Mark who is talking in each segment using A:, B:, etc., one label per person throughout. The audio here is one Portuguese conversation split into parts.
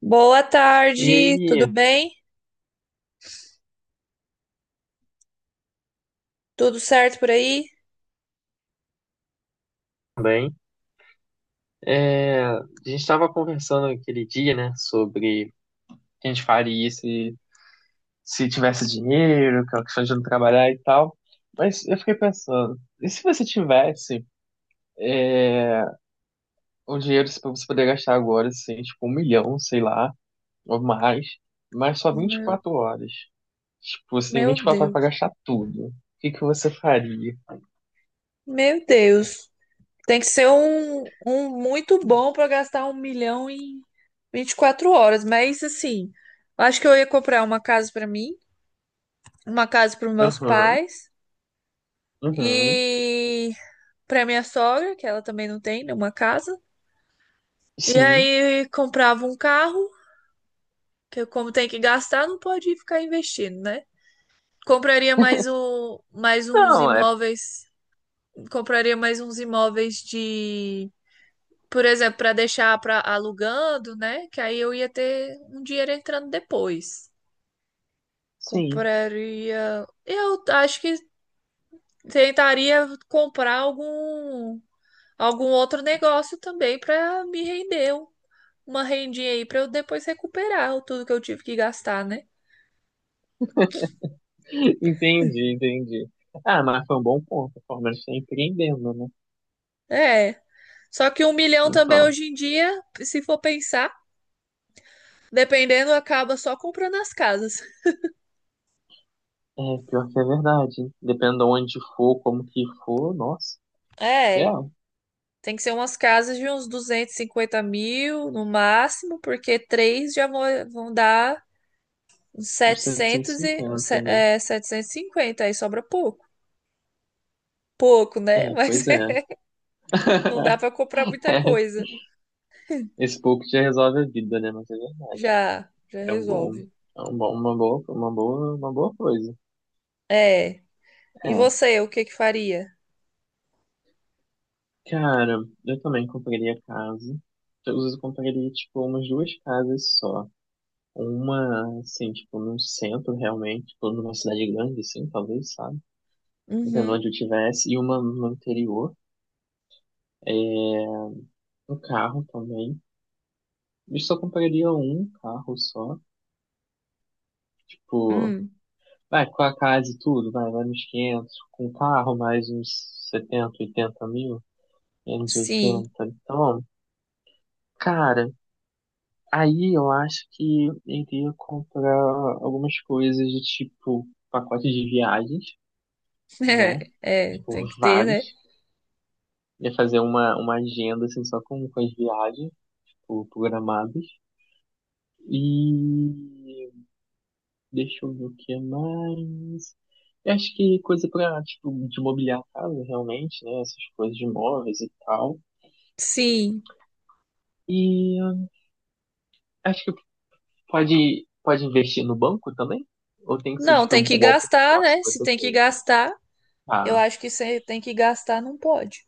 A: Boa
B: E
A: tarde, tudo
B: aí,
A: bem? Tudo certo por aí?
B: também, a gente estava conversando aquele dia, né, sobre o que a gente faria se tivesse dinheiro, aquela questão de não trabalhar e tal. Mas eu fiquei pensando, e se você tivesse é, o dinheiro para você poder gastar agora, assim, tipo, um milhão, sei lá, ou mais, mas só vinte e
A: Meu,
B: quatro horas. Tipo, você tem
A: meu
B: 24 horas
A: Deus,
B: para gastar tudo. O que que você faria?
A: meu Deus. Tem que ser um muito bom para gastar 1 milhão em 24 horas, mas assim, acho que eu ia comprar uma casa para mim, uma casa para meus
B: Aham,
A: pais
B: uhum,
A: e para minha sogra, que ela também não tem nenhuma casa. E
B: sim.
A: aí comprava um carro, que como tem que gastar, não pode ficar investindo, né? Compraria mais um, mais uns
B: Não, é,
A: imóveis compraria mais uns imóveis de, por exemplo, para deixar para alugando, né? Que aí eu ia ter um dinheiro entrando depois.
B: sim.
A: Compraria, eu acho que tentaria comprar algum outro negócio também para me render uma rendinha aí para eu depois recuperar o tudo que eu tive que gastar, né?
B: Entendi, entendi. Ah, mas foi um bom ponto. O Palmeiras está empreendendo, né?
A: É. Só que 1 milhão também
B: Então,
A: hoje em dia, se for pensar, dependendo, acaba só comprando as casas.
B: é pior que é verdade. Dependendo de onde for, como que for, nossa, é,
A: É. Tem que ser umas casas de uns 250 mil no máximo, porque três já vão dar uns
B: uns setecentos e
A: setecentos e,
B: cinquenta,
A: se-
B: né?
A: é, 750, aí sobra pouco. Pouco, né?
B: É,
A: Mas
B: pois é.
A: não dá para comprar muita coisa.
B: Esse pouco já resolve a vida, né? Mas é verdade.
A: Já, já
B: É um bom,
A: resolve.
B: uma boa coisa.
A: É. E
B: É,
A: você, o que que faria?
B: cara, eu também compraria casa. Às vezes eu compraria, tipo, umas duas casas só. Uma, assim, tipo, num centro realmente, tipo, numa cidade grande, assim, talvez, sabe? Dependendo
A: Uhum.
B: onde eu tivesse, e uma no interior, um carro também. Eu só compraria um carro só, tipo,
A: Hum.
B: vai, com a casa e tudo, vai nos 500 com o carro mais uns setenta oitenta mil, menos
A: Sim.
B: oitenta. Então, cara, aí eu acho que eu iria comprar algumas coisas de tipo, pacote de viagens, né?
A: É,
B: Tipo,
A: tem que ter, né?
B: vários. Ia fazer uma agenda, assim, só com as viagens, tipo, programadas. E deixa eu ver o que mais. Eu acho que coisa pra, tipo, de mobiliar a casa, realmente, né? Essas coisas de imóveis e tal.
A: Sim.
B: E acho que pode investir no banco também? Ou tem que ser,
A: Não,
B: tipo,
A: tem que
B: igual pro
A: gastar,
B: negócio
A: né?
B: que
A: Se
B: você
A: tem que
B: fez?
A: gastar, eu
B: Ah,
A: acho que se tem que gastar, não pode.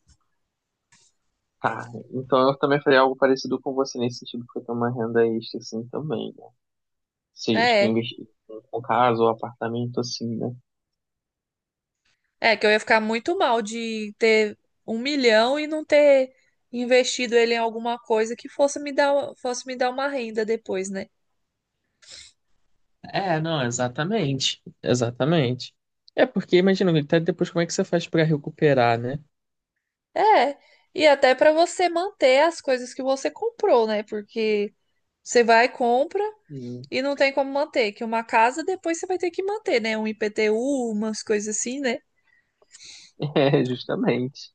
B: tá. Então eu também faria algo parecido com você nesse sentido, porque eu tenho uma renda extra, assim, também, né? Seja, tipo,
A: É,
B: investir com casa ou apartamento, assim, né?
A: É, que eu ia ficar muito mal de ter 1 milhão e não ter investido ele em alguma coisa que fosse me dar uma renda depois, né?
B: É, não, exatamente. Exatamente. É porque imagina, até depois como é que você faz pra recuperar, né?
A: É, e até para você manter as coisas que você comprou, né? Porque você vai, compra
B: Hum.
A: e não tem como manter, que uma casa depois você vai ter que manter, né? Um IPTU, umas coisas assim, né?
B: É, justamente.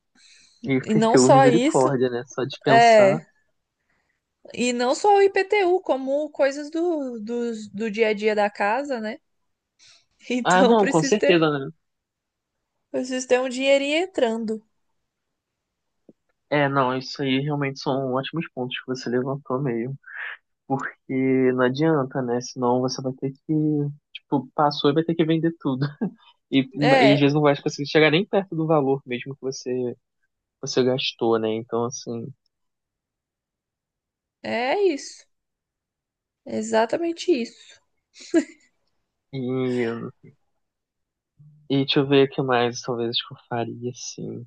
B: E
A: E não
B: teu
A: só isso,
B: misericórdia, né? Só de pensar.
A: é, e não só o IPTU, como coisas do dia a dia da casa, né?
B: Ah,
A: Então
B: não, com
A: precisa ter
B: certeza, né?
A: Vocês têm um dinheirinho entrando.
B: É, não, isso aí realmente são ótimos pontos que você levantou meio. Porque não adianta, né? Senão você vai ter que, tipo, passou e vai ter que vender tudo. E às
A: É,
B: vezes não vai conseguir chegar nem perto do valor mesmo que você gastou, né? Então, assim,
A: é isso. É, exatamente isso.
B: e E deixa eu ver o que mais talvez que eu faria, assim.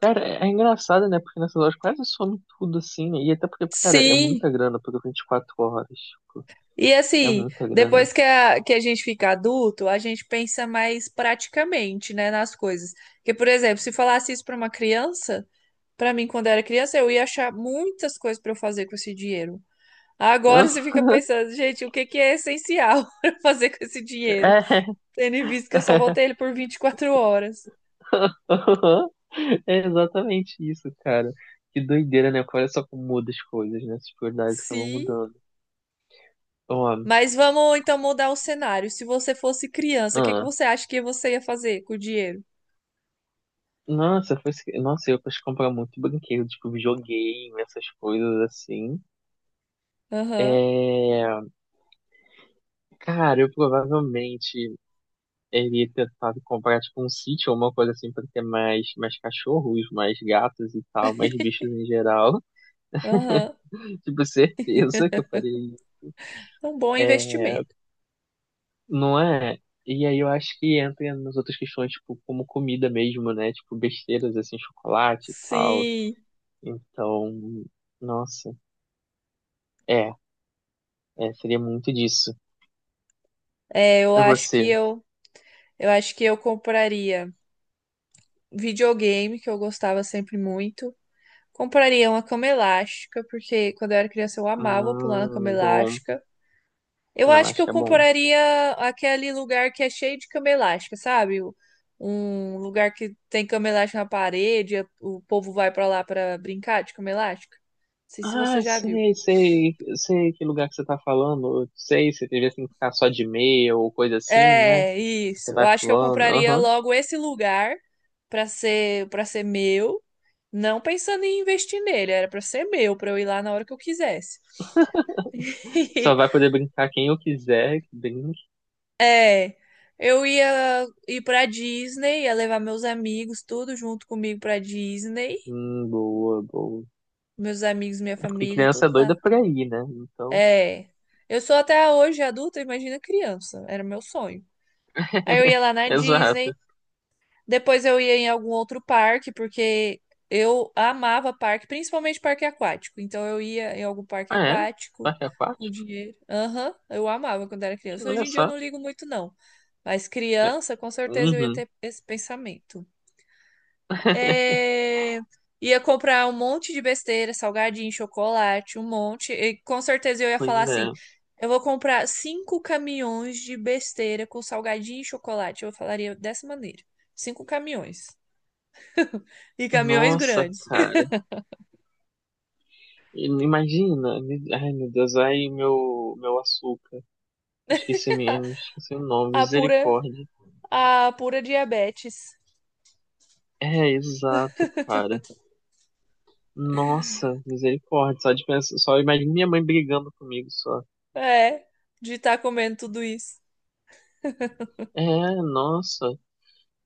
B: Cara, é engraçado, né? Porque nessa loja quase some tudo, assim, né? E até porque, cara, é
A: Sim.
B: muita grana, porque vinte e quatro horas, tipo,
A: E
B: é
A: assim,
B: muita grana.
A: depois que a gente fica adulto, a gente pensa mais praticamente, né, nas coisas. Porque, por exemplo, se falasse isso para uma criança, para mim, quando era criança, eu ia achar muitas coisas para eu fazer com esse dinheiro. Agora
B: Hã?
A: você fica pensando, gente, o que que é essencial para fazer com esse dinheiro?
B: É,
A: Tendo em vista que eu só voltei ele por 24 horas.
B: é exatamente isso, cara. Que doideira, né? Olha só como muda as coisas, né? As prioridades acabam
A: Sim.
B: mudando. Ó,
A: Mas vamos então mudar o cenário. Se você fosse criança, o que que
B: ah,
A: você acha que você ia fazer com o dinheiro?
B: nossa, foi, nossa, eu posso comprar muito brinquedo, tipo, videogame, essas coisas assim.
A: Aham,
B: É, cara, eu provavelmente ele ia tentar comprar tipo um sítio ou uma coisa assim pra ter mais, cachorros, mais gatos e tal, mais bichos em geral.
A: aham.
B: Tipo, certeza que eu faria isso.
A: Um bom
B: É,
A: investimento.
B: não é? E aí eu acho que entra nas outras questões, tipo, como comida mesmo, né? Tipo, besteiras assim, chocolate e tal.
A: Sim.
B: Então, nossa, é, seria muito disso.
A: É, eu
B: E
A: acho que
B: você?
A: eu, eu acho que eu compraria videogame, que eu gostava sempre muito. Compraria uma cama elástica, porque quando eu era criança eu amava pular na cama
B: Bom,
A: elástica. Eu
B: não,
A: acho que
B: acho
A: eu
B: que é bom.
A: compraria aquele lugar que é cheio de cama elástica, sabe? Um lugar que tem cama elástica na parede, o povo vai pra lá pra brincar de cama elástica. Não sei se você
B: Ah,
A: já viu.
B: sei, sei, sei que lugar que você tá falando. Eu sei, você teria que ficar só de meia ou coisa assim, né?
A: É,
B: Você
A: isso. Eu
B: vai
A: acho que eu
B: falando,
A: compraria
B: aham.
A: logo esse lugar pra ser para ser meu, não pensando em investir nele, era pra ser meu, pra eu ir lá na hora que eu quisesse.
B: Só vai poder brincar quem eu quiser, que brinque.
A: É, eu ia ir pra Disney, ia levar meus amigos tudo junto comigo pra Disney.
B: Boa, boa.
A: Meus amigos, minha
B: É porque
A: família,
B: criança
A: tudo
B: é
A: lá.
B: doida pra ir, né? Então,
A: É. Eu sou até hoje adulta, imagina criança. Era meu sonho. Aí eu ia lá na
B: exato.
A: Disney, depois eu ia em algum outro parque, porque eu amava parque, principalmente parque aquático. Então eu ia em algum parque
B: Ah, é?
A: aquático
B: Parque
A: com
B: aquático?
A: dinheiro. Aham, eu amava quando era criança. Hoje
B: Olha
A: em dia eu
B: só.
A: não ligo muito, não. Mas
B: É.
A: criança, com certeza eu ia
B: Uhum.
A: ter esse pensamento. É, ia comprar um monte de besteira, salgadinho, chocolate, um monte. E com certeza eu ia
B: Pois
A: falar assim:
B: é.
A: eu vou comprar cinco caminhões de besteira com salgadinho e chocolate. Eu falaria dessa maneira: cinco caminhões. E caminhões
B: Nossa,
A: grandes.
B: cara. Imagina. Ai, meu Deus. Ai, meu açúcar. Esqueci, esqueci o nome.
A: A pura,
B: Misericórdia.
A: a pura diabetes.
B: É, exato, cara. Nossa, misericórdia. Só, de pensar, só imagina minha mãe brigando comigo só.
A: É, de estar comendo tudo isso.
B: É, nossa.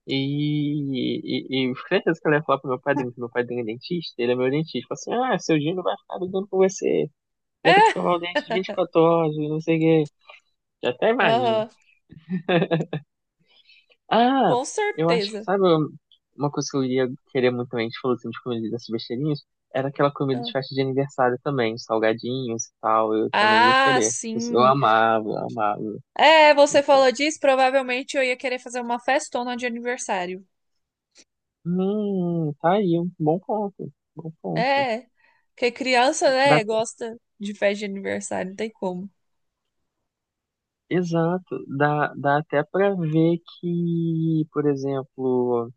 B: E, e eu fiquei certeza que ela ia falar pro meu padrinho, que meu padrinho é dentista, ele é meu dentista. Fala assim, ah, seu Gino vai ficar brigando com você. Vai ter que
A: É,
B: escovar o dente de 24 horas, não sei o quê. Já até imagino.
A: aham,
B: Ah,
A: com
B: eu acho que,
A: certeza.
B: sabe, uma coisa que eu iria querer muito também, a gente falou assim, de comida dessas besteirinhas, era aquela comida de festa de aniversário também, salgadinhos e tal, eu também ia
A: Ah,
B: querer. Eu
A: sim.
B: amava, eu amava.
A: É, você
B: Então,
A: falou disso, provavelmente eu ia querer fazer uma festona de aniversário.
B: tá aí, um bom ponto, bom ponto.
A: É, porque criança,
B: Dá,
A: né, gosta de festa de aniversário, não tem como.
B: exato, dá até pra ver que, por exemplo,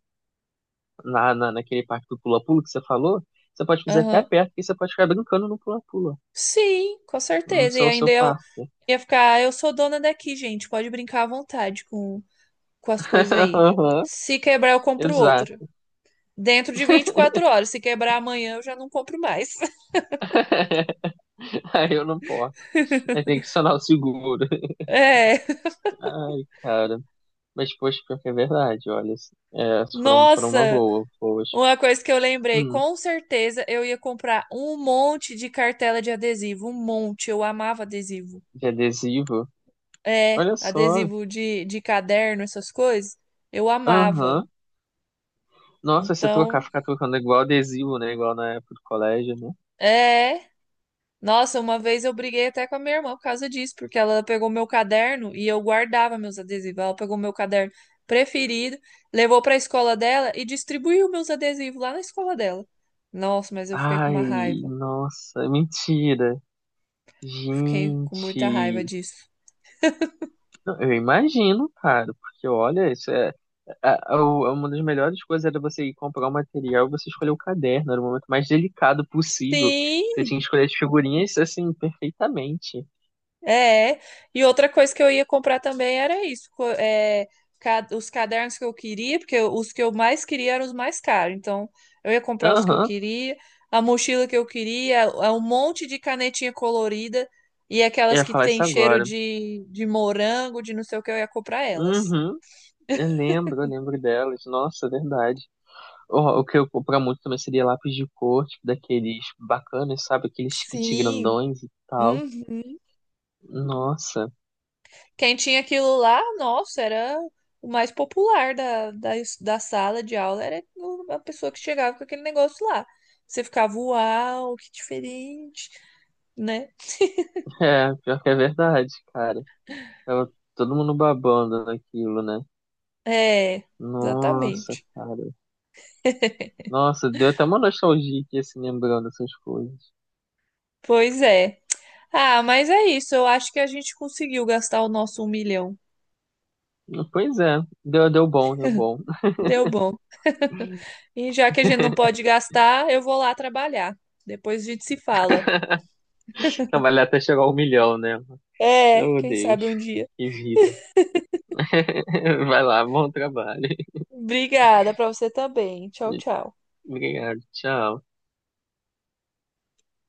B: naquele parque do pula-pula que você falou, você pode fazer até
A: Aham.
B: perto, e você pode ficar brincando no pula-pula,
A: Sim, com
B: no
A: certeza. E
B: seu,
A: ainda
B: seu
A: eu
B: parque.
A: ia ficar, "Ah, eu sou dona daqui, gente, pode brincar à vontade com as coisas aí.
B: Aham,
A: Se quebrar, eu compro outro.
B: exato.
A: Dentro de 24 horas. Se quebrar amanhã, eu já não compro mais.
B: Aí eu não posso. Aí tem que acionar o seguro.
A: É.
B: Ai, cara. Mas, poxa, pior que é verdade, olha. É, foram uma
A: Nossa!
B: boa, poxa.
A: Uma coisa que eu lembrei,
B: Hum,
A: com certeza eu ia comprar um monte de cartela de adesivo, um monte. Eu amava adesivo.
B: de adesivo.
A: É,
B: Olha só.
A: adesivo de caderno, essas coisas, eu amava.
B: Aham. Nossa, se tocar,
A: Então,
B: ficar tocando igual adesivo, né? Igual na época do colégio, né?
A: é. Nossa, uma vez eu briguei até com a minha irmã por causa disso, porque ela pegou meu caderno e eu guardava meus adesivos. Ela pegou meu caderno preferido, levou para a escola dela e distribuiu meus adesivos lá na escola dela. Nossa, mas eu fiquei com uma
B: Ai,
A: raiva.
B: nossa, mentira.
A: Fiquei com muita raiva
B: Gente.
A: disso.
B: Não, eu imagino, cara, porque olha, isso é. Uma das melhores coisas era você ir comprar o material e você escolher o caderno. Era o momento mais delicado possível. Você
A: Sim,
B: tinha que escolher as figurinhas, assim, perfeitamente.
A: é, e outra coisa que eu ia comprar também era isso, os cadernos que eu queria, porque os que eu mais queria eram os mais caros, então eu ia comprar os que eu
B: Aham.
A: queria, a mochila que eu queria, um monte de canetinha colorida e
B: Eu
A: aquelas
B: ia
A: que
B: falar
A: tem
B: isso
A: cheiro
B: agora.
A: de morango, de não sei o que, eu ia comprar elas.
B: Uhum. Eu lembro delas. Nossa, é verdade. O que eu comprar muito também seria lápis de cor, tipo, daqueles bacanas, sabe? Aqueles kit
A: Sim.
B: grandões e tal.
A: Uhum.
B: Nossa.
A: Quem tinha aquilo lá, nossa, era o mais popular da sala de aula, era a pessoa que chegava com aquele negócio lá. Você ficava, uau, que diferente, né?
B: É, pior que é verdade, cara. Tava todo mundo babando naquilo, né?
A: É,
B: Nossa,
A: exatamente.
B: cara. Nossa, deu até uma nostalgia aqui, assim, lembrando dessas coisas.
A: Pois é. Ah, mas é isso. Eu acho que a gente conseguiu gastar o nosso 1 milhão.
B: Pois é, deu bom, deu bom.
A: Deu bom. E já que a gente não pode gastar, eu vou lá trabalhar. Depois a gente se fala.
B: Trabalhar até chegar ao milhão, né?
A: É,
B: Meu
A: quem
B: Deus,
A: sabe um dia.
B: que vida. Vai lá, bom trabalho.
A: Obrigada para você também. Tchau, tchau.
B: Obrigado, tchau.